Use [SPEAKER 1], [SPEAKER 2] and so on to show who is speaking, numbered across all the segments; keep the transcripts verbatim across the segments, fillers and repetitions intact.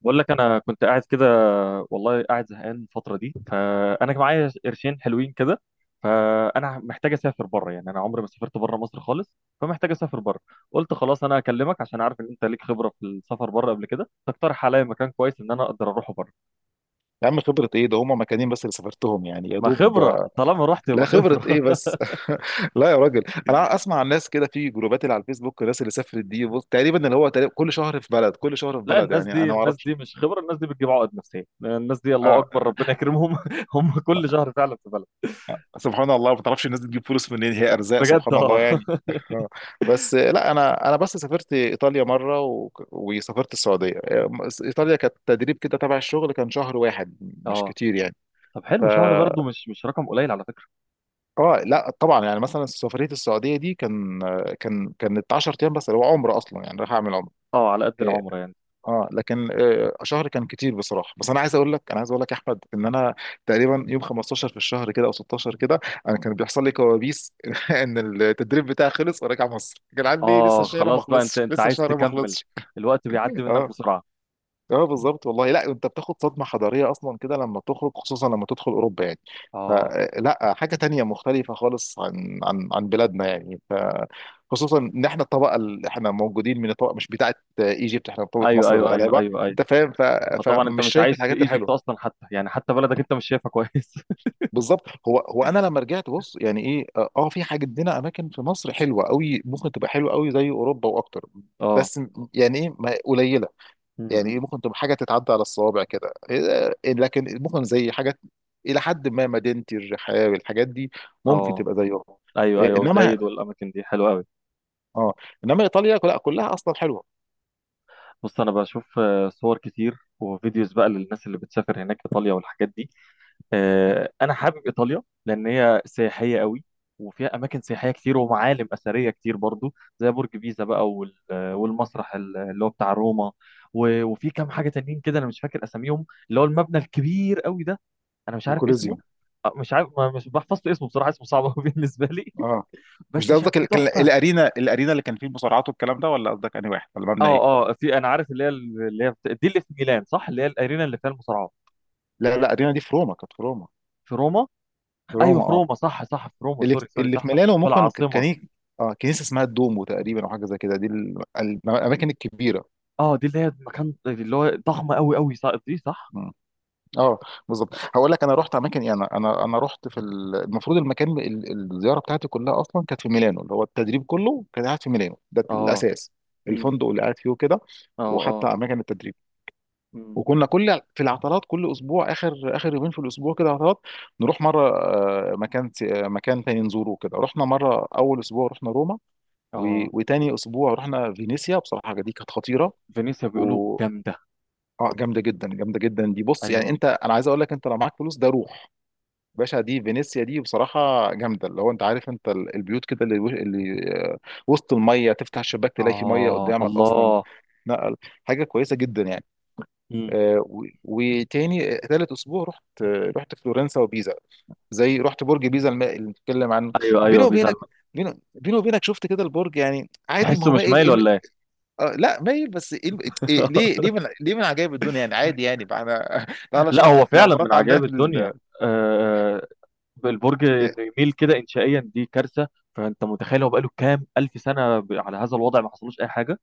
[SPEAKER 1] بقول لك انا كنت قاعد كده، والله قاعد زهقان الفتره دي. فانا معايا قرشين حلوين كده، فانا محتاج اسافر بره. يعني انا عمري ما سافرت بره مصر خالص، فمحتاج اسافر بره. قلت خلاص انا اكلمك عشان عارف ان انت ليك خبره في السفر بره قبل كده، تقترح عليا مكان كويس ان انا اقدر اروحه بره.
[SPEAKER 2] يا عم، خبرة ايه ده هما مكانين بس اللي سافرتهم، يعني يا
[SPEAKER 1] ما
[SPEAKER 2] دوب.
[SPEAKER 1] خبره طالما رحت يبقى
[SPEAKER 2] لا، خبرة
[SPEAKER 1] خبره.
[SPEAKER 2] ايه بس. لا يا راجل. انا اسمع عن ناس كده في جروبات اللي على الفيسبوك. الناس اللي سافرت دي، بص، تقريبا اللي هو تقريبا كل شهر في بلد كل شهر في
[SPEAKER 1] لا،
[SPEAKER 2] بلد،
[SPEAKER 1] الناس
[SPEAKER 2] يعني
[SPEAKER 1] دي
[SPEAKER 2] انا ما
[SPEAKER 1] الناس
[SPEAKER 2] اعرفش.
[SPEAKER 1] دي مش خبره، الناس دي بتجيب عقد نفسيه. الناس دي الله
[SPEAKER 2] آه.
[SPEAKER 1] اكبر، ربنا يكرمهم. هم كل شهر فعلا في بلد.
[SPEAKER 2] سبحان الله، ما تعرفش الناس دي تجيب فلوس منين، هي ارزاق
[SPEAKER 1] بجد
[SPEAKER 2] سبحان الله
[SPEAKER 1] اه.
[SPEAKER 2] يعني. بس لا، انا انا بس سافرت ايطاليا مره و... وسافرت السعوديه. ايطاليا كانت تدريب كده تبع الشغل، كان شهر واحد. مش
[SPEAKER 1] اه.
[SPEAKER 2] كتير. يعني
[SPEAKER 1] طب حلو، شهر برضه مش مش رقم قليل على فكره.
[SPEAKER 2] اه، لا طبعا، يعني مثلا سفريه السعوديه دي كان كان كانت 10 ايام بس. هو عمره اصلا، يعني راح اعمل عمره.
[SPEAKER 1] اه، على قد
[SPEAKER 2] إيه،
[SPEAKER 1] العمر يعني.
[SPEAKER 2] اه لكن آه شهر كان كتير بصراحه. بس انا عايز اقول لك، انا عايز اقول لك يا احمد، ان انا تقريبا يوم خمستاشر في الشهر كده او ستاشر كده انا كان بيحصل لي كوابيس ان التدريب بتاعي خلص وراجع مصر، كان عندي لسه
[SPEAKER 1] اه
[SPEAKER 2] الشهر ما
[SPEAKER 1] خلاص بقى، انت
[SPEAKER 2] خلصش
[SPEAKER 1] انت
[SPEAKER 2] لسه
[SPEAKER 1] عايز
[SPEAKER 2] الشهر ما
[SPEAKER 1] تكمل.
[SPEAKER 2] خلصش.
[SPEAKER 1] الوقت بيعدي منك
[SPEAKER 2] اه
[SPEAKER 1] بسرعه.
[SPEAKER 2] اه، بالظبط والله. لا، انت بتاخد صدمه حضاريه اصلا كده لما تخرج، خصوصا لما تدخل اوروبا يعني.
[SPEAKER 1] اه.
[SPEAKER 2] فلا، حاجه تانية مختلفه خالص عن عن عن بلادنا يعني. ف، خصوصا ان احنا الطبقه اللي احنا موجودين، من الطبقه مش بتاعه ايجيبت، احنا طبقه
[SPEAKER 1] ايوه
[SPEAKER 2] مصر
[SPEAKER 1] ايوه ايوه
[SPEAKER 2] الغلابه.
[SPEAKER 1] ايوه ايوه.
[SPEAKER 2] انت فاهم، ف...
[SPEAKER 1] فطبعا انت
[SPEAKER 2] فمش
[SPEAKER 1] مش
[SPEAKER 2] شايف
[SPEAKER 1] عايش في
[SPEAKER 2] الحاجات
[SPEAKER 1] ايجيبت
[SPEAKER 2] الحلوه.
[SPEAKER 1] اصلا حتى، يعني حتى بلدك انت مش شايفها كويس.
[SPEAKER 2] بالظبط. هو هو انا لما رجعت بص، يعني ايه، اه آه، في حاجه، عندنا اماكن في مصر حلوه قوي، ممكن تبقى حلوه قوي زي اوروبا واكتر.
[SPEAKER 1] اه.
[SPEAKER 2] بس يعني ايه، ما- قليله. يعني ايه،
[SPEAKER 1] مم.
[SPEAKER 2] ممكن تبقى حاجه تتعدى على الصوابع كده. إيه- لكن ممكن زي حاجات، الى حد ما مدينتي الرحاب الحاجات دي، ممكن
[SPEAKER 1] اه
[SPEAKER 2] تبقى زيهم.
[SPEAKER 1] ايوه
[SPEAKER 2] إيه،
[SPEAKER 1] ايوه،
[SPEAKER 2] انما،
[SPEAKER 1] وزايد والاماكن دي حلوه قوي.
[SPEAKER 2] اه، انما ايطاليا لا، كلها اصلا حلوه.
[SPEAKER 1] بص انا بشوف آه، صور كتير وفيديوز بقى للناس اللي بتسافر هناك ايطاليا والحاجات دي. آه، انا حابب ايطاليا لان هي سياحيه قوي، وفيها اماكن سياحيه كتير ومعالم اثريه كتير برضو، زي برج بيزا بقى وال- والمسرح ال- اللي هو بتاع روما. و- وفي كام حاجه تانيين كده انا مش فاكر اساميهم، اللي هو المبنى الكبير قوي ده، انا مش عارف اسمه.
[SPEAKER 2] الكوليزيوم.
[SPEAKER 1] آه، مش عارف، ما- مش بحفظت اسمه بصراحه، اسمه صعب قوي بالنسبه لي،
[SPEAKER 2] اه، مش
[SPEAKER 1] بس
[SPEAKER 2] ده قصدك ال-
[SPEAKER 1] شكله
[SPEAKER 2] كان
[SPEAKER 1] تحفه.
[SPEAKER 2] الارينا الارينا اللي كان فيه المصارعات والكلام ده، ولا قصدك انهي واحد، ولا مبنى ايه؟
[SPEAKER 1] اه اه، في انا عارف، اللي هي اللي هي بت- دي اللي في ميلان صح، اللي هي الارينا اللي فيها المصارعه.
[SPEAKER 2] لا لا، الارينا دي في روما، كانت في روما.
[SPEAKER 1] في روما.
[SPEAKER 2] في
[SPEAKER 1] ايوه
[SPEAKER 2] روما
[SPEAKER 1] في
[SPEAKER 2] اه.
[SPEAKER 1] روما، صح صح في روما،
[SPEAKER 2] اللي في
[SPEAKER 1] سوري سوري،
[SPEAKER 2] اللي في
[SPEAKER 1] صح صح
[SPEAKER 2] ميلانو
[SPEAKER 1] في
[SPEAKER 2] ممكن
[SPEAKER 1] العاصمه.
[SPEAKER 2] كان، اه كنيسه اسمها الدومو تقريبا، او حاجه زي كده، دي ال- ال- الاماكن الكبيره.
[SPEAKER 1] اه دي اللي هي مكان اللي هو ضخم قوي قوي، صح دي صح.
[SPEAKER 2] اه، بالظبط. هقول لك، انا رحت اماكن، يعني انا انا أنا رحت في ال- المفروض المكان، ال- الزياره بتاعتي كلها اصلا كانت في ميلانو، اللي هو التدريب كله كان قاعد في ميلانو ده
[SPEAKER 1] اه.
[SPEAKER 2] الاساس.
[SPEAKER 1] امم.
[SPEAKER 2] الفندق اللي قاعد فيه وكده،
[SPEAKER 1] اه
[SPEAKER 2] وحتى
[SPEAKER 1] اه.
[SPEAKER 2] اماكن التدريب.
[SPEAKER 1] امم.
[SPEAKER 2] وكنا كل في العطلات، كل اسبوع اخر اخر يومين في الاسبوع كده عطلات، نروح مره آه، مكان ت- آه، مكان تاني نزوره كده. رحنا مره اول اسبوع رحنا روما،
[SPEAKER 1] اه،
[SPEAKER 2] و- وتاني اسبوع رحنا فينيسيا. بصراحه دي كانت خطيره.
[SPEAKER 1] فينيسيا بيقولوا
[SPEAKER 2] و،
[SPEAKER 1] جامدة.
[SPEAKER 2] اه جامده جدا، جامده جدا. دي بص، يعني
[SPEAKER 1] ايوه.
[SPEAKER 2] انت، انا عايز اقول لك، انت لو معاك فلوس ده روح باشا. دي فينيسيا دي بصراحة جامدة. اللي هو انت عارف انت ال- البيوت كده، اللي، اللي آه، وسط المية، تفتح الشباك تلاقي في مية
[SPEAKER 1] اه
[SPEAKER 2] قدامك اصلا.
[SPEAKER 1] الله.
[SPEAKER 2] لا، حاجة كويسة جدا يعني.
[SPEAKER 1] مم.
[SPEAKER 2] آه، و- وتاني آه، تالت اسبوع رحت، آه، رحت فلورنسا وبيزا. زي، رحت برج بيزا الم- اللي بنتكلم عنه.
[SPEAKER 1] ايوه
[SPEAKER 2] بيني
[SPEAKER 1] ايوه،
[SPEAKER 2] وبينك،
[SPEAKER 1] بيزلمة.
[SPEAKER 2] بيني بيني وبينك شفت كده البرج، يعني عادي، ما
[SPEAKER 1] تحسه
[SPEAKER 2] هو
[SPEAKER 1] مش
[SPEAKER 2] مايل.
[SPEAKER 1] مايل
[SPEAKER 2] إيه ال-
[SPEAKER 1] ولا ايه؟
[SPEAKER 2] آه لا، مايل بس. إيه ال- إيه ليه ليه من ليه من عجائب الدنيا، يعني عادي، يعني بقى انا ده على
[SPEAKER 1] لا
[SPEAKER 2] شهر
[SPEAKER 1] هو فعلا من
[SPEAKER 2] العمارات عندنا
[SPEAKER 1] عجائب
[SPEAKER 2] في
[SPEAKER 1] الدنيا.
[SPEAKER 2] ال...
[SPEAKER 1] آه، البرج انه يميل كده انشائيا دي كارثة. فانت متخيل هو بقاله كام الف سنة ب- على هذا الوضع ما حصلوش اي حاجة.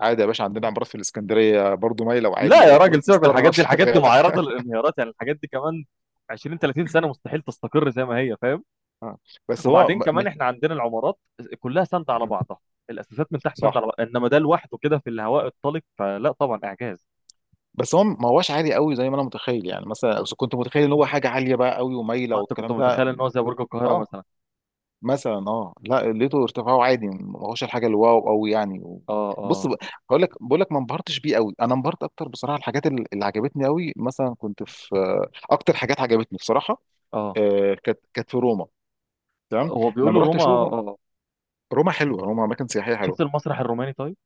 [SPEAKER 2] عادي يا باشا، عندنا عمارات في الاسكندريه برضو مايله، وعادي،
[SPEAKER 1] لا يا
[SPEAKER 2] وربنا
[SPEAKER 1] راجل سيبك من
[SPEAKER 2] يسترها
[SPEAKER 1] الحاجات دي، الحاجات دي
[SPEAKER 2] شغال.
[SPEAKER 1] معرضة للانهيارات يعني. الحاجات دي كمان عشرين ثلاثين سنة مستحيل تستقر زي ما هي، فاهم؟
[SPEAKER 2] آه. بس هو
[SPEAKER 1] وبعدين
[SPEAKER 2] م... م...
[SPEAKER 1] كمان احنا عندنا العمارات كلها ساندة على
[SPEAKER 2] م.
[SPEAKER 1] بعضها، الاساسات من تحت ساندة
[SPEAKER 2] صح.
[SPEAKER 1] على بعضها، انما ده لوحده كده في الهواء الطلق، فلا طبعا اعجاز.
[SPEAKER 2] بس هو ما هوش عالي قوي زي ما انا متخيل، يعني مثلا إذا كنت متخيل ان هو حاجه عاليه بقى قوي ومايله
[SPEAKER 1] اه انت كنت
[SPEAKER 2] والكلام ده.
[SPEAKER 1] متخيل ان هو زي برج القاهرة
[SPEAKER 2] اه
[SPEAKER 1] مثلا.
[SPEAKER 2] مثلا، اه لا، لقيته ارتفاعه عادي، ما هوش الحاجه اللي واو قوي يعني. و...
[SPEAKER 1] اه
[SPEAKER 2] بص
[SPEAKER 1] اه
[SPEAKER 2] ب- هقول لك، بقول لك ما انبهرتش بيه قوي. انا انبهرت اكتر، بصراحه الحاجات اللي اللي عجبتني قوي، مثلا كنت في، آه، اكتر حاجات عجبتني بصراحه،
[SPEAKER 1] اه.
[SPEAKER 2] آه، كانت كانت في روما. تمام.
[SPEAKER 1] هو
[SPEAKER 2] لما
[SPEAKER 1] بيقولوا
[SPEAKER 2] رحت
[SPEAKER 1] روما
[SPEAKER 2] اشوف،
[SPEAKER 1] اه آه.
[SPEAKER 2] روما حلوه، روما اماكن سياحيه
[SPEAKER 1] شفت
[SPEAKER 2] حلوه.
[SPEAKER 1] المسرح الروماني طيب؟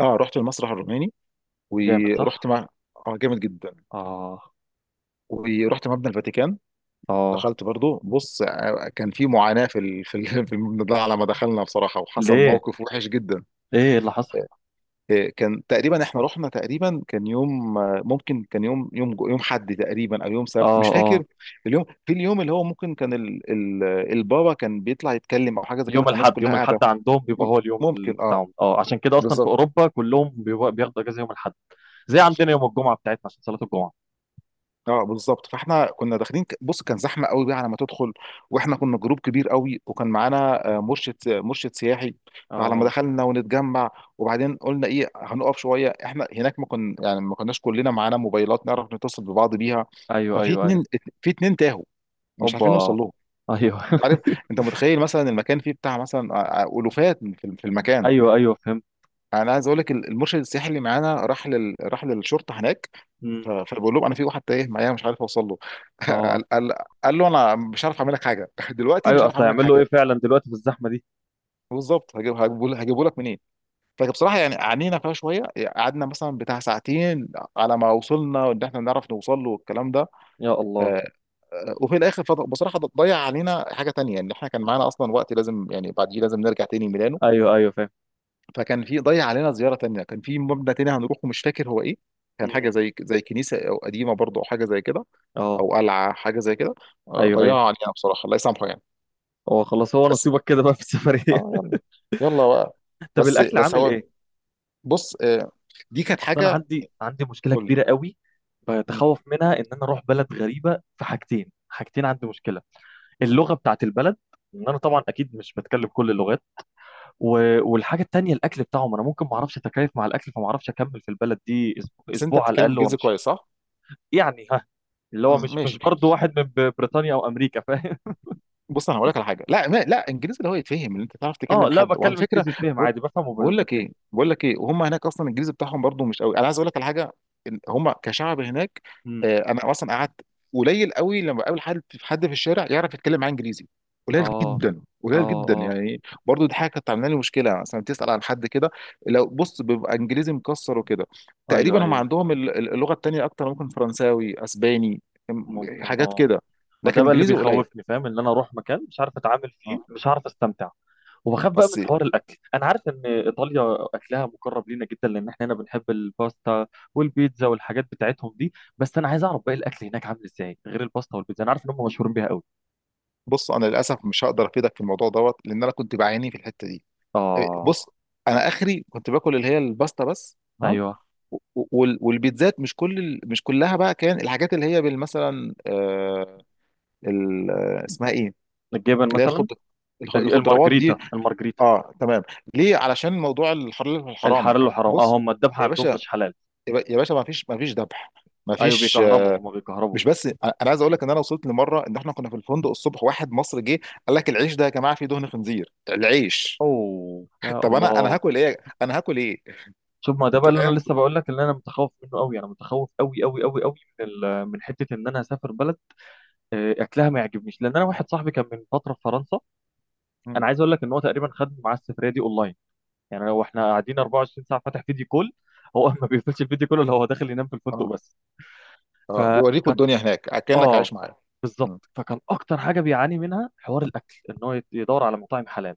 [SPEAKER 2] اه، رحت المسرح الروماني،
[SPEAKER 1] جامد
[SPEAKER 2] ورحت
[SPEAKER 1] صح.
[SPEAKER 2] مع، اه جامد جدا،
[SPEAKER 1] اه.
[SPEAKER 2] ورحت مبنى الفاتيكان.
[SPEAKER 1] اه
[SPEAKER 2] دخلت برضو بص، آه، كان في معاناة في ال... في ال- في المبنى ده على ما دخلنا بصراحة، وحصل
[SPEAKER 1] ليه؟
[SPEAKER 2] موقف وحش جدا.
[SPEAKER 1] ايه اللي حصل؟
[SPEAKER 2] آه، كان تقريبا احنا رحنا تقريبا، كان يوم، آه، ممكن كان يوم، يوم جو- يوم حد تقريبا، او يوم
[SPEAKER 1] اه
[SPEAKER 2] سبت، مش
[SPEAKER 1] اه.
[SPEAKER 2] فاكر. اليوم، في اليوم اللي هو ممكن كان ال... ال... البابا كان بيطلع يتكلم، او حاجة زي كده،
[SPEAKER 1] يوم
[SPEAKER 2] فالناس
[SPEAKER 1] الاحد،
[SPEAKER 2] كلها
[SPEAKER 1] يوم
[SPEAKER 2] قاعدة.
[SPEAKER 1] الاحد عندهم بيبقى
[SPEAKER 2] م-
[SPEAKER 1] هو اليوم ال-
[SPEAKER 2] ممكن، اه،
[SPEAKER 1] بتاعهم اه، عشان كده اصلا في
[SPEAKER 2] بالظبط.
[SPEAKER 1] اوروبا كلهم بيبقى- بياخدوا اجازة يوم الاحد. زي عندنا يوم الجمعة بتاعتنا عشان صلاة الجمعة.
[SPEAKER 2] اه بالظبط، فاحنا كنا داخلين، ك- بص كان زحمه قوي بقى على ما تدخل، واحنا كنا جروب كبير قوي، وكان معانا، آه، مرشد مرشد سياحي. فعلى ما
[SPEAKER 1] اه.
[SPEAKER 2] دخلنا ونتجمع، وبعدين قلنا ايه، هنقف شويه احنا هناك. ما كنا يعني ما كناش كلنا معانا موبايلات نعرف نتصل ببعض بيها.
[SPEAKER 1] ايوه
[SPEAKER 2] ففي
[SPEAKER 1] ايوه ايوه.
[SPEAKER 2] اتنين، في اتنين تاهوا، مش عارفين نوصل
[SPEAKER 1] اوبا.
[SPEAKER 2] لهم.
[SPEAKER 1] ايوه.
[SPEAKER 2] انت عارف، انت متخيل مثلا المكان فيه بتاع مثلا، آه، آه، الوفات في في المكان.
[SPEAKER 1] ايوه ايوه فهمت.
[SPEAKER 2] انا عايز اقول لك، المرشد السياحي اللي معانا راح لل... راح للشرطه هناك،
[SPEAKER 1] مم.
[SPEAKER 2] ف- فبقول لهم انا في واحد تايه معايا، مش عارف اوصل له.
[SPEAKER 1] اه.
[SPEAKER 2] قال, قال, قال له انا مش عارف اعمل لك حاجه، دلوقتي مش
[SPEAKER 1] ايوه،
[SPEAKER 2] عارف
[SPEAKER 1] اصل
[SPEAKER 2] اعمل لك
[SPEAKER 1] هيعمل له ايه
[SPEAKER 2] حاجه.
[SPEAKER 1] فعلا دلوقتي في الزحمه دي؟
[SPEAKER 2] بالظبط، هجيب هجيبه هجيبه لك منين. فبصراحه يعني عانينا فيها شويه، قعدنا مثلا بتاع ساعتين على ما وصلنا ان احنا نعرف نوصل له والكلام ده.
[SPEAKER 1] يا الله.
[SPEAKER 2] آه، آه، وفي الاخر فض- بصراحه ضيع علينا حاجه تانية، ان احنا كان معانا اصلا وقت، لازم يعني بعديه لازم نرجع تاني ميلانو.
[SPEAKER 1] ايوه ايوه فاهم.
[SPEAKER 2] فكان في، ضيع علينا زياره تانية، كان في مبنى تاني هنروحه مش فاكر هو ايه، كان
[SPEAKER 1] مم.
[SPEAKER 2] حاجه زي زي كنيسه او قديمه برضه، او حاجه زي كده،
[SPEAKER 1] اه.
[SPEAKER 2] او قلعه، حاجه زي كده. آه،
[SPEAKER 1] ايوه ايوه.
[SPEAKER 2] ضيعوا علينا بصراحه، الله يسامحه يعني.
[SPEAKER 1] هو خلاص، هو
[SPEAKER 2] بس،
[SPEAKER 1] نصيبك كده بقى في السفريه.
[SPEAKER 2] اه يلا، يلا بقى.
[SPEAKER 1] طب
[SPEAKER 2] بس
[SPEAKER 1] الاكل
[SPEAKER 2] بس
[SPEAKER 1] عامل
[SPEAKER 2] هو،
[SPEAKER 1] ايه؟
[SPEAKER 2] بص، آه، دي كانت
[SPEAKER 1] اصل انا
[SPEAKER 2] حاجه.
[SPEAKER 1] عندي عندي مشكله
[SPEAKER 2] قول لي.
[SPEAKER 1] كبيره قوي
[SPEAKER 2] مم.
[SPEAKER 1] بتخوف منها ان انا اروح بلد غريبه. في حاجتين حاجتين عندي مشكله: اللغه بتاعت البلد، ان انا طبعا اكيد مش بتكلم كل اللغات، و... والحاجه التانيه الاكل بتاعهم. انا ممكن ما اعرفش اتكيف مع الاكل، فما اعرفش اكمل في البلد دي أسبوع,
[SPEAKER 2] بس انت
[SPEAKER 1] اسبوع على
[SPEAKER 2] بتتكلم
[SPEAKER 1] الاقل
[SPEAKER 2] الجنس
[SPEAKER 1] وامشي.
[SPEAKER 2] كويس صح؟
[SPEAKER 1] يعني ها، اللي هو
[SPEAKER 2] مم،
[SPEAKER 1] مش
[SPEAKER 2] ماشي.
[SPEAKER 1] مش برضه واحد من ب- بريطانيا او امريكا، فاهم؟
[SPEAKER 2] بص انا هقول لك على حاجه، لا ما لا، انجليزي اللي هو يتفهم، اللي انت تعرف
[SPEAKER 1] اه
[SPEAKER 2] تكلم
[SPEAKER 1] لا،
[SPEAKER 2] حد، وعلى
[SPEAKER 1] بتكلم
[SPEAKER 2] فكره،
[SPEAKER 1] انجليزي يتفهم
[SPEAKER 2] بقول
[SPEAKER 1] عادي، بفهم
[SPEAKER 2] بقول لك
[SPEAKER 1] وبتفهم.
[SPEAKER 2] ايه، بقول لك ايه، وهم هناك اصلا الانجليزي بتاعهم برضو مش قوي. انا عايز اقول لك على حاجه، ال- هم كشعب هناك،
[SPEAKER 1] امم.
[SPEAKER 2] آه، انا اصلا قعدت، قليل قوي لما بقابل حد، في حد في الشارع يعرف يتكلم معاه انجليزي، قليل
[SPEAKER 1] اه
[SPEAKER 2] جدا
[SPEAKER 1] اه
[SPEAKER 2] قليل جدا،
[SPEAKER 1] اه.
[SPEAKER 2] يعني برضو دي حاجه كانت عامله لي مشكله، مثلا تسال عن حد كده. لو بص بيبقى انجليزي مكسر وكده،
[SPEAKER 1] ايوه
[SPEAKER 2] تقريبا هم
[SPEAKER 1] ايوه.
[SPEAKER 2] عندهم ال- ال- اللغه التانيه اكتر، ممكن فرنساوي، اسباني، م-
[SPEAKER 1] ممكن
[SPEAKER 2] حاجات
[SPEAKER 1] اه.
[SPEAKER 2] كده،
[SPEAKER 1] ما ده
[SPEAKER 2] لكن
[SPEAKER 1] بقى اللي
[SPEAKER 2] انجليزي قليل.
[SPEAKER 1] بيخوفني، فاهم؟ ان انا اروح مكان مش عارف اتعامل فيه،
[SPEAKER 2] آه.
[SPEAKER 1] مش عارف استمتع. وبخاف بقى
[SPEAKER 2] بس
[SPEAKER 1] من حوار الاكل. انا عارف ان ايطاليا اكلها مقرب لينا جدا لان احنا هنا بنحب الباستا والبيتزا والحاجات بتاعتهم دي، بس انا عايز اعرف باقي الاكل هناك عامل ازاي غير الباستا والبيتزا. انا عارف ان هم مشهورين بيها قوي.
[SPEAKER 2] بص، انا للاسف مش هقدر افيدك في الموضوع دوت، لان انا كنت بعاني في الحته دي. إيه،
[SPEAKER 1] اه.
[SPEAKER 2] بص. انا اخري كنت باكل اللي هي الباستا بس، تمام،
[SPEAKER 1] ايوه.
[SPEAKER 2] و- وال- والبيتزات، مش كل ال- مش كلها بقى، كان الحاجات اللي هي بال- مثلا، آه، ال- آه، اسمها ايه،
[SPEAKER 1] الجبن
[SPEAKER 2] اللي هي الخض
[SPEAKER 1] مثلا.
[SPEAKER 2] الخ- الخضروات
[SPEAKER 1] المارجريتا
[SPEAKER 2] دي.
[SPEAKER 1] المارجريتا.
[SPEAKER 2] اه تمام. ليه؟ علشان موضوع الحلال والحرام.
[SPEAKER 1] الحلال وحرام، اه،
[SPEAKER 2] بص
[SPEAKER 1] هم الذبح
[SPEAKER 2] يا
[SPEAKER 1] عندهم
[SPEAKER 2] باشا،
[SPEAKER 1] مش حلال.
[SPEAKER 2] يا باشا ما فيش، ما فيش ذبح، ما
[SPEAKER 1] ايوه،
[SPEAKER 2] فيش.
[SPEAKER 1] بيكهربوا، هم بيكهربوا.
[SPEAKER 2] مش بس، انا عايز اقول لك ان انا وصلت لمره ان احنا كنا في الفندق الصبح، واحد مصري جه قال لك العيش ده يا جماعه فيه دهن خنزير، العيش.
[SPEAKER 1] اوه يا
[SPEAKER 2] طب انا انا
[SPEAKER 1] الله.
[SPEAKER 2] هاكل ايه، انا هاكل ايه.
[SPEAKER 1] شوف، ما ده بقى
[SPEAKER 2] انت
[SPEAKER 1] اللي انا
[SPEAKER 2] فاهم.
[SPEAKER 1] لسه بقول لك، اللي انا متخوف منه قوي. انا متخوف قوي قوي قوي قوي من ال- من حته ان انا اسافر بلد آه، اكلها ما يعجبنيش. لان انا واحد صاحبي كان من فتره في فرنسا،
[SPEAKER 2] مم.
[SPEAKER 1] انا عايز اقول لك ان هو تقريبا خد معاه السفريه دي اونلاين. يعني لو احنا قاعدين اربعة وعشرين ساعه فاتح فيديو كول، هو ما بيقفلش الفيديو كله، اللي هو داخل ينام في الفندق
[SPEAKER 2] اه
[SPEAKER 1] بس.
[SPEAKER 2] اه، بيوريكوا
[SPEAKER 1] فكان
[SPEAKER 2] الدنيا هناك كانك
[SPEAKER 1] اه.
[SPEAKER 2] عايش معاه. مم.
[SPEAKER 1] بالظبط، فكان اكتر حاجه بيعاني منها حوار الاكل، ان هو يت- يدور على مطاعم حلال.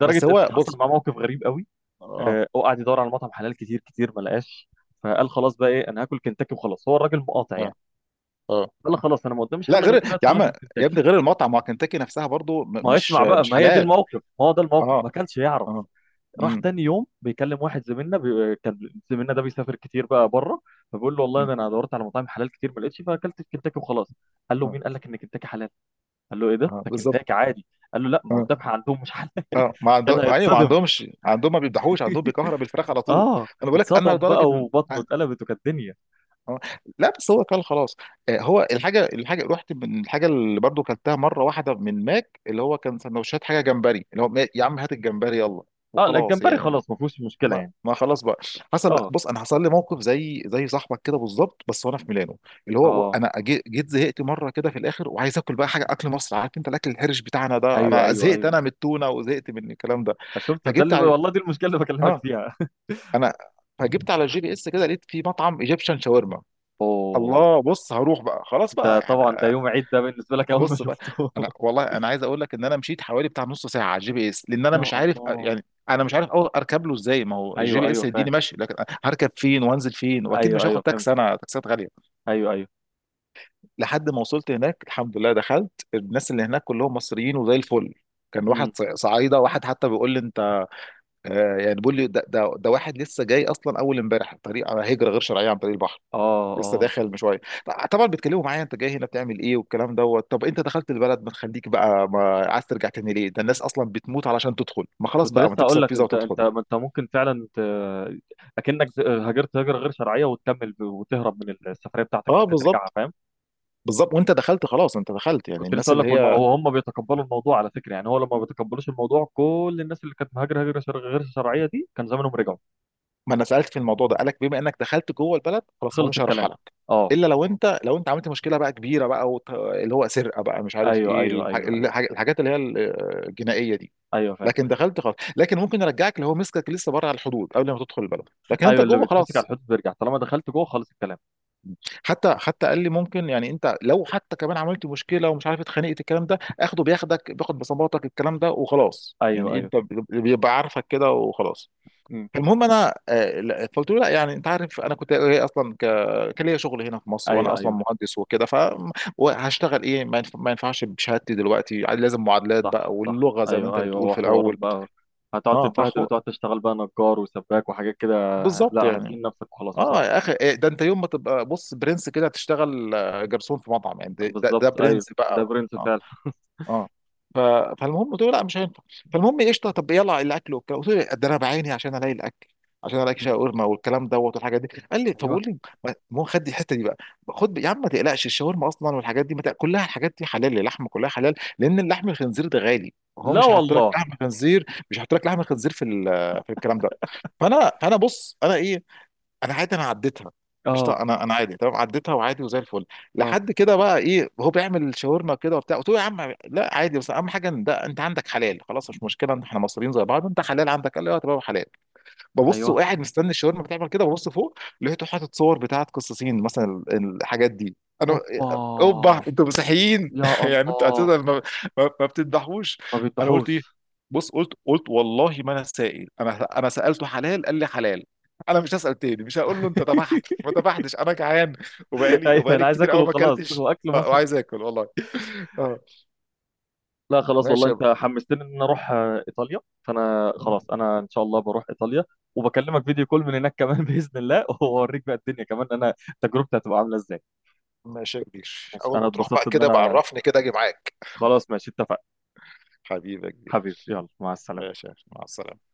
[SPEAKER 1] لدرجه
[SPEAKER 2] بس
[SPEAKER 1] ان
[SPEAKER 2] هو
[SPEAKER 1] حصل
[SPEAKER 2] بص،
[SPEAKER 1] معاه موقف غريب قوي.
[SPEAKER 2] اه
[SPEAKER 1] آه، هو قعد يدور على مطعم حلال كتير كتير ما لقاش، فقال خلاص بقى ايه، انا هاكل كنتاكي وخلاص، هو الراجل مقاطع
[SPEAKER 2] اه
[SPEAKER 1] يعني.
[SPEAKER 2] اه،
[SPEAKER 1] قال خلاص انا ما قداميش
[SPEAKER 2] لا
[SPEAKER 1] حل
[SPEAKER 2] غير
[SPEAKER 1] غير كده،
[SPEAKER 2] يا
[SPEAKER 1] ادخل
[SPEAKER 2] عم،
[SPEAKER 1] اخر
[SPEAKER 2] يا ابني
[SPEAKER 1] كنتاكي.
[SPEAKER 2] غير المطعم، ما كنتاكي نفسها برضو م-
[SPEAKER 1] ما هو
[SPEAKER 2] مش
[SPEAKER 1] اسمع بقى،
[SPEAKER 2] مش
[SPEAKER 1] ما هي دي
[SPEAKER 2] حلال.
[SPEAKER 1] الموقف، ما هو ده الموقف،
[SPEAKER 2] اه
[SPEAKER 1] ما كانش يعرف.
[SPEAKER 2] اه.
[SPEAKER 1] راح
[SPEAKER 2] امم.
[SPEAKER 1] تاني يوم بيكلم واحد زميلنا بي... كان زميلنا ده بيسافر كتير بقى بره، فبيقول له والله
[SPEAKER 2] أمم،
[SPEAKER 1] ده انا دورت على مطاعم حلال كتير ما لقيتش، فاكلت في كنتاكي وخلاص. قال له
[SPEAKER 2] اه.
[SPEAKER 1] مين قال لك ان كنتاكي حلال؟ قال له ايه، ده
[SPEAKER 2] آه،
[SPEAKER 1] ده
[SPEAKER 2] بالظبط.
[SPEAKER 1] كنتاكي عادي. قال له لا ما هو
[SPEAKER 2] اه
[SPEAKER 1] الذبح عندهم مش حلال.
[SPEAKER 2] اه، ما
[SPEAKER 1] كان
[SPEAKER 2] عندهم ايوه، ما
[SPEAKER 1] هيتصدم.
[SPEAKER 2] عندهمش، عندهم ما بيذبحوش، عندهم بيكهرب الفراخ على طول.
[SPEAKER 1] اه
[SPEAKER 2] انا بقول لك، انا
[SPEAKER 1] اتصدم
[SPEAKER 2] لدرجه
[SPEAKER 1] بقى،
[SPEAKER 2] إن-
[SPEAKER 1] وبطنه اتقلبت، وكانت الدنيا.
[SPEAKER 2] اه لا، بس هو كان خلاص، آه، هو الحاجه، الحاجه رحت من الحاجه اللي برضو كلتها مره واحده من ماك، اللي هو كان سندوتشات، حاجه جمبري، اللي هو ما- يا عم هات الجمبري يلا
[SPEAKER 1] اه لا
[SPEAKER 2] وخلاص
[SPEAKER 1] الجمبري
[SPEAKER 2] يعني.
[SPEAKER 1] خلاص ما فيهوش مشكله
[SPEAKER 2] ما
[SPEAKER 1] يعني.
[SPEAKER 2] ما خلاص بقى، حصل لا،
[SPEAKER 1] اه.
[SPEAKER 2] بص انا حصل لي موقف زي، زي صاحبك كده بالظبط، بس وانا في ميلانو. اللي هو
[SPEAKER 1] اه
[SPEAKER 2] انا جي- جيت زهقت مره كده في الاخر، وعايز اكل بقى حاجه، اكل مصر، عارف انت الاكل الحرش بتاعنا ده،
[SPEAKER 1] ايوه
[SPEAKER 2] انا
[SPEAKER 1] ايوه
[SPEAKER 2] زهقت
[SPEAKER 1] ايوه.
[SPEAKER 2] انا من التونه، وزهقت من الكلام ده.
[SPEAKER 1] شفت؟ ده
[SPEAKER 2] فجبت
[SPEAKER 1] اللي
[SPEAKER 2] على،
[SPEAKER 1] والله، دي المشكله اللي بكلمك
[SPEAKER 2] اه،
[SPEAKER 1] فيها.
[SPEAKER 2] انا، فجبت على الجي بي اس كده، لقيت في مطعم ايجيبشن شاورما.
[SPEAKER 1] اوه.
[SPEAKER 2] الله، بص هروح بقى خلاص بقى
[SPEAKER 1] ده
[SPEAKER 2] يعني.
[SPEAKER 1] طبعا ده يوم عيد ده بالنسبه لك اول ما
[SPEAKER 2] بص بقى،
[SPEAKER 1] شفته.
[SPEAKER 2] انا والله انا عايز اقول لك ان انا مشيت حوالي بتاع نص ساعه على الجي بي اس، لان انا
[SPEAKER 1] يا
[SPEAKER 2] مش عارف
[SPEAKER 1] الله.
[SPEAKER 2] يعني. انا مش عارف أو اركب له ازاي، ما هو الجي
[SPEAKER 1] ايوه
[SPEAKER 2] بي اس
[SPEAKER 1] ايوه فاهم.
[SPEAKER 2] هيديني ماشي، لكن هركب فين وانزل فين. واكيد
[SPEAKER 1] ايوه
[SPEAKER 2] مش هاخد
[SPEAKER 1] ايوه فهمت.
[SPEAKER 2] تاكسي، انا تاكسيات غاليه.
[SPEAKER 1] ايوه ايوه.
[SPEAKER 2] لحد ما وصلت هناك الحمد لله، دخلت، الناس اللي هناك كلهم مصريين وزي الفل. كان واحد
[SPEAKER 1] امم.
[SPEAKER 2] ص- صعيده، واحد حتى بيقول لي انت، آه، يعني بيقول لي ده ده, ده واحد لسه جاي اصلا اول امبارح، طريق على هجره غير شرعيه عن طريق البحر،
[SPEAKER 1] اه
[SPEAKER 2] لسه
[SPEAKER 1] اه.
[SPEAKER 2] داخل من شويه. ط- طبعا بيتكلموا معايا، انت جاي هنا بتعمل ايه والكلام دوت. طب انت دخلت البلد، ما تخليك بقى، ما عايز ترجع تاني ليه، ده الناس اصلا بتموت علشان تدخل، ما خلاص
[SPEAKER 1] كنت
[SPEAKER 2] بقى ما
[SPEAKER 1] لسه هقول
[SPEAKER 2] تكسر
[SPEAKER 1] لك،
[SPEAKER 2] فيزا
[SPEAKER 1] انت
[SPEAKER 2] وتدخل.
[SPEAKER 1] انت ما انت ممكن فعلا ت... اكنك ز- هاجرت هجره غير شرعيه وتكمل ب- وتهرب من السفريه بتاعتك ان
[SPEAKER 2] اه
[SPEAKER 1] انت ترجعها،
[SPEAKER 2] بالظبط.
[SPEAKER 1] فاهم؟
[SPEAKER 2] بالظبط، وانت دخلت خلاص، انت دخلت، يعني
[SPEAKER 1] كنت لسه
[SPEAKER 2] الناس
[SPEAKER 1] اقول
[SPEAKER 2] اللي
[SPEAKER 1] لك، والم...
[SPEAKER 2] هي،
[SPEAKER 1] هم بيتقبلوا الموضوع على فكره. يعني هو لما ما بيتقبلوش الموضوع، كل الناس اللي كانت مهاجره هجره شر... غير شرعيه دي كان زمانهم رجعوا.
[SPEAKER 2] ما انا سالت في الموضوع ده، قالك بما انك دخلت جوه البلد خلاص، هو
[SPEAKER 1] خلص
[SPEAKER 2] مش
[SPEAKER 1] الكلام.
[SPEAKER 2] هيرحلك،
[SPEAKER 1] اه.
[SPEAKER 2] الا لو انت لو انت عملت مشكله بقى كبيره بقى، وت... اللي هو سرقه بقى، مش عارف
[SPEAKER 1] ايوه
[SPEAKER 2] ايه
[SPEAKER 1] ايوه
[SPEAKER 2] الح...
[SPEAKER 1] ايوه ايوه
[SPEAKER 2] الح... الحاجات اللي هي ال- الجنائيه دي.
[SPEAKER 1] ايوه فاهم.
[SPEAKER 2] لكن دخلت خلاص، لكن ممكن يرجعك اللي هو مسكك لسه بره على الحدود قبل ما تدخل البلد، لكن انت
[SPEAKER 1] ايوه، اللي
[SPEAKER 2] جوه
[SPEAKER 1] بيتمسك على
[SPEAKER 2] خلاص.
[SPEAKER 1] الحدود بيرجع، طالما دخلت جوه خلص الكلام.
[SPEAKER 2] حتى حتى قال لي ممكن، يعني انت لو حتى كمان عملت مشكله، ومش عارف اتخانقت الكلام ده، اخده بياخدك، بياخد بصماتك الكلام ده وخلاص،
[SPEAKER 1] ايوه
[SPEAKER 2] يعني
[SPEAKER 1] ايوه.
[SPEAKER 2] انت بيبقى عارفك كده وخلاص.
[SPEAKER 1] امم.
[SPEAKER 2] المهم انا، آه، لا، فقلت له لا، يعني انت عارف انا كنت جاي اصلا ك... كان ليا شغل هنا في مصر، وانا
[SPEAKER 1] ايوه
[SPEAKER 2] اصلا
[SPEAKER 1] ايوه،
[SPEAKER 2] مهندس وكده، فهشتغل ايه، ما ينف- ما ينفعش بشهادتي دلوقتي، لازم معادلات بقى،
[SPEAKER 1] صح صح.
[SPEAKER 2] واللغه زي ما انت
[SPEAKER 1] ايوه ايوه،
[SPEAKER 2] بتقول
[SPEAKER 1] هو
[SPEAKER 2] في
[SPEAKER 1] حوار
[SPEAKER 2] الاول.
[SPEAKER 1] بقى. هتقعد
[SPEAKER 2] اه
[SPEAKER 1] تتبهدل
[SPEAKER 2] فحو
[SPEAKER 1] وتقعد تشتغل بقى نجار وسباك وحاجات كده.
[SPEAKER 2] بالظبط
[SPEAKER 1] لا
[SPEAKER 2] يعني.
[SPEAKER 1] هتهين نفسك وخلاص
[SPEAKER 2] اه يا
[SPEAKER 1] بصراحة.
[SPEAKER 2] اخي إيه ده، انت يوم ما تبقى بص برنس كده تشتغل، آه، جرسون في مطعم يعني،
[SPEAKER 1] لا،
[SPEAKER 2] ده ده,
[SPEAKER 1] بالظبط
[SPEAKER 2] ده
[SPEAKER 1] ايوه،
[SPEAKER 2] برنس بقى.
[SPEAKER 1] ده برنس
[SPEAKER 2] اه
[SPEAKER 1] فعلا.
[SPEAKER 2] اه. ف- فالمهم قلت له لا، مش هينفع. فالمهم إيه، قشطه، طب يلا الاكل وبتاع. قلت له إيه، ده انا بعيني عشان الاقي الاكل، عشان الاقي
[SPEAKER 1] مم.
[SPEAKER 2] شاورما والكلام دوت والحاجات دي. قال لي طب
[SPEAKER 1] ايوه.
[SPEAKER 2] قول لي. ما ما هو خد دي الحته دي بقى. خد يا عم ما تقلقش، الشاورما اصلا والحاجات دي ما تق- كلها الحاجات دي حلال، اللحم كلها حلال، لان اللحم الخنزير ده غالي، هو
[SPEAKER 1] لا
[SPEAKER 2] مش هيحط لك
[SPEAKER 1] والله.
[SPEAKER 2] لحم خنزير، مش هيحط لك لحم خنزير في ال- في الكلام ده. فانا، انا بص انا ايه، انا عادي انا عديتها. قشطه،
[SPEAKER 1] اه
[SPEAKER 2] انا انا عادي تمام عديتها، وعادي، وزي الفل.
[SPEAKER 1] اه
[SPEAKER 2] لحد كده بقى ايه، هو بيعمل شاورما كده وبتاع، قلت له يا عم لا عادي، بس اهم حاجه ان ده انت عندك حلال خلاص، مش مشكله إن احنا مصريين زي بعض، انت حلال عندك، قال لي اه تمام حلال. ببص
[SPEAKER 1] ايوه.
[SPEAKER 2] وقاعد مستني الشاورما بتعمل كده، ببص فوق لقيته حاطط صور بتاعت قصاصين مثلا، ال- الحاجات دي، انا،
[SPEAKER 1] اوبا.
[SPEAKER 2] اوبا، انتوا مسيحيين،
[SPEAKER 1] يا
[SPEAKER 2] يعني انتوا
[SPEAKER 1] الله.
[SPEAKER 2] اساسا ما, ما, ما بتذبحوش.
[SPEAKER 1] ما
[SPEAKER 2] انا قلت ايه،
[SPEAKER 1] بيذبحوش.
[SPEAKER 2] بص قلت، قلت والله ما انا سائل، انا انا سالته حلال قال لي حلال، انا مش هسال تاني، مش هقول له انت ذبحت ما ذبحتش، انا جعان. وبقالي
[SPEAKER 1] ايوه،
[SPEAKER 2] وبقالي
[SPEAKER 1] انا عايز
[SPEAKER 2] كتير
[SPEAKER 1] اكل
[SPEAKER 2] قوي ما
[SPEAKER 1] وخلاص، هو
[SPEAKER 2] اكلتش،
[SPEAKER 1] اكل
[SPEAKER 2] آه،
[SPEAKER 1] مصري.
[SPEAKER 2] وعايز اكل والله. اه
[SPEAKER 1] لا خلاص والله
[SPEAKER 2] ماشي يا
[SPEAKER 1] انت حمستني ان انا اروح آه، ايطاليا، فانا
[SPEAKER 2] ب-
[SPEAKER 1] خلاص انا ان شاء الله بروح ايطاليا. وبكلمك فيديو كول من هناك كمان، باذن الله، واوريك بقى الدنيا كمان. انا تجربتي هتبقى عامله ازاي.
[SPEAKER 2] ماشي يا كبير،
[SPEAKER 1] ماشي.
[SPEAKER 2] اول
[SPEAKER 1] انا
[SPEAKER 2] ما تروح
[SPEAKER 1] اتبسطت
[SPEAKER 2] بقى
[SPEAKER 1] ان
[SPEAKER 2] كده
[SPEAKER 1] انا،
[SPEAKER 2] بعرفني كده اجي معاك.
[SPEAKER 1] خلاص ماشي اتفقنا.
[SPEAKER 2] حبيبي يا كبير.
[SPEAKER 1] حبيبي، يلا مع السلامه.
[SPEAKER 2] ماشي يا أخي، مع السلامه.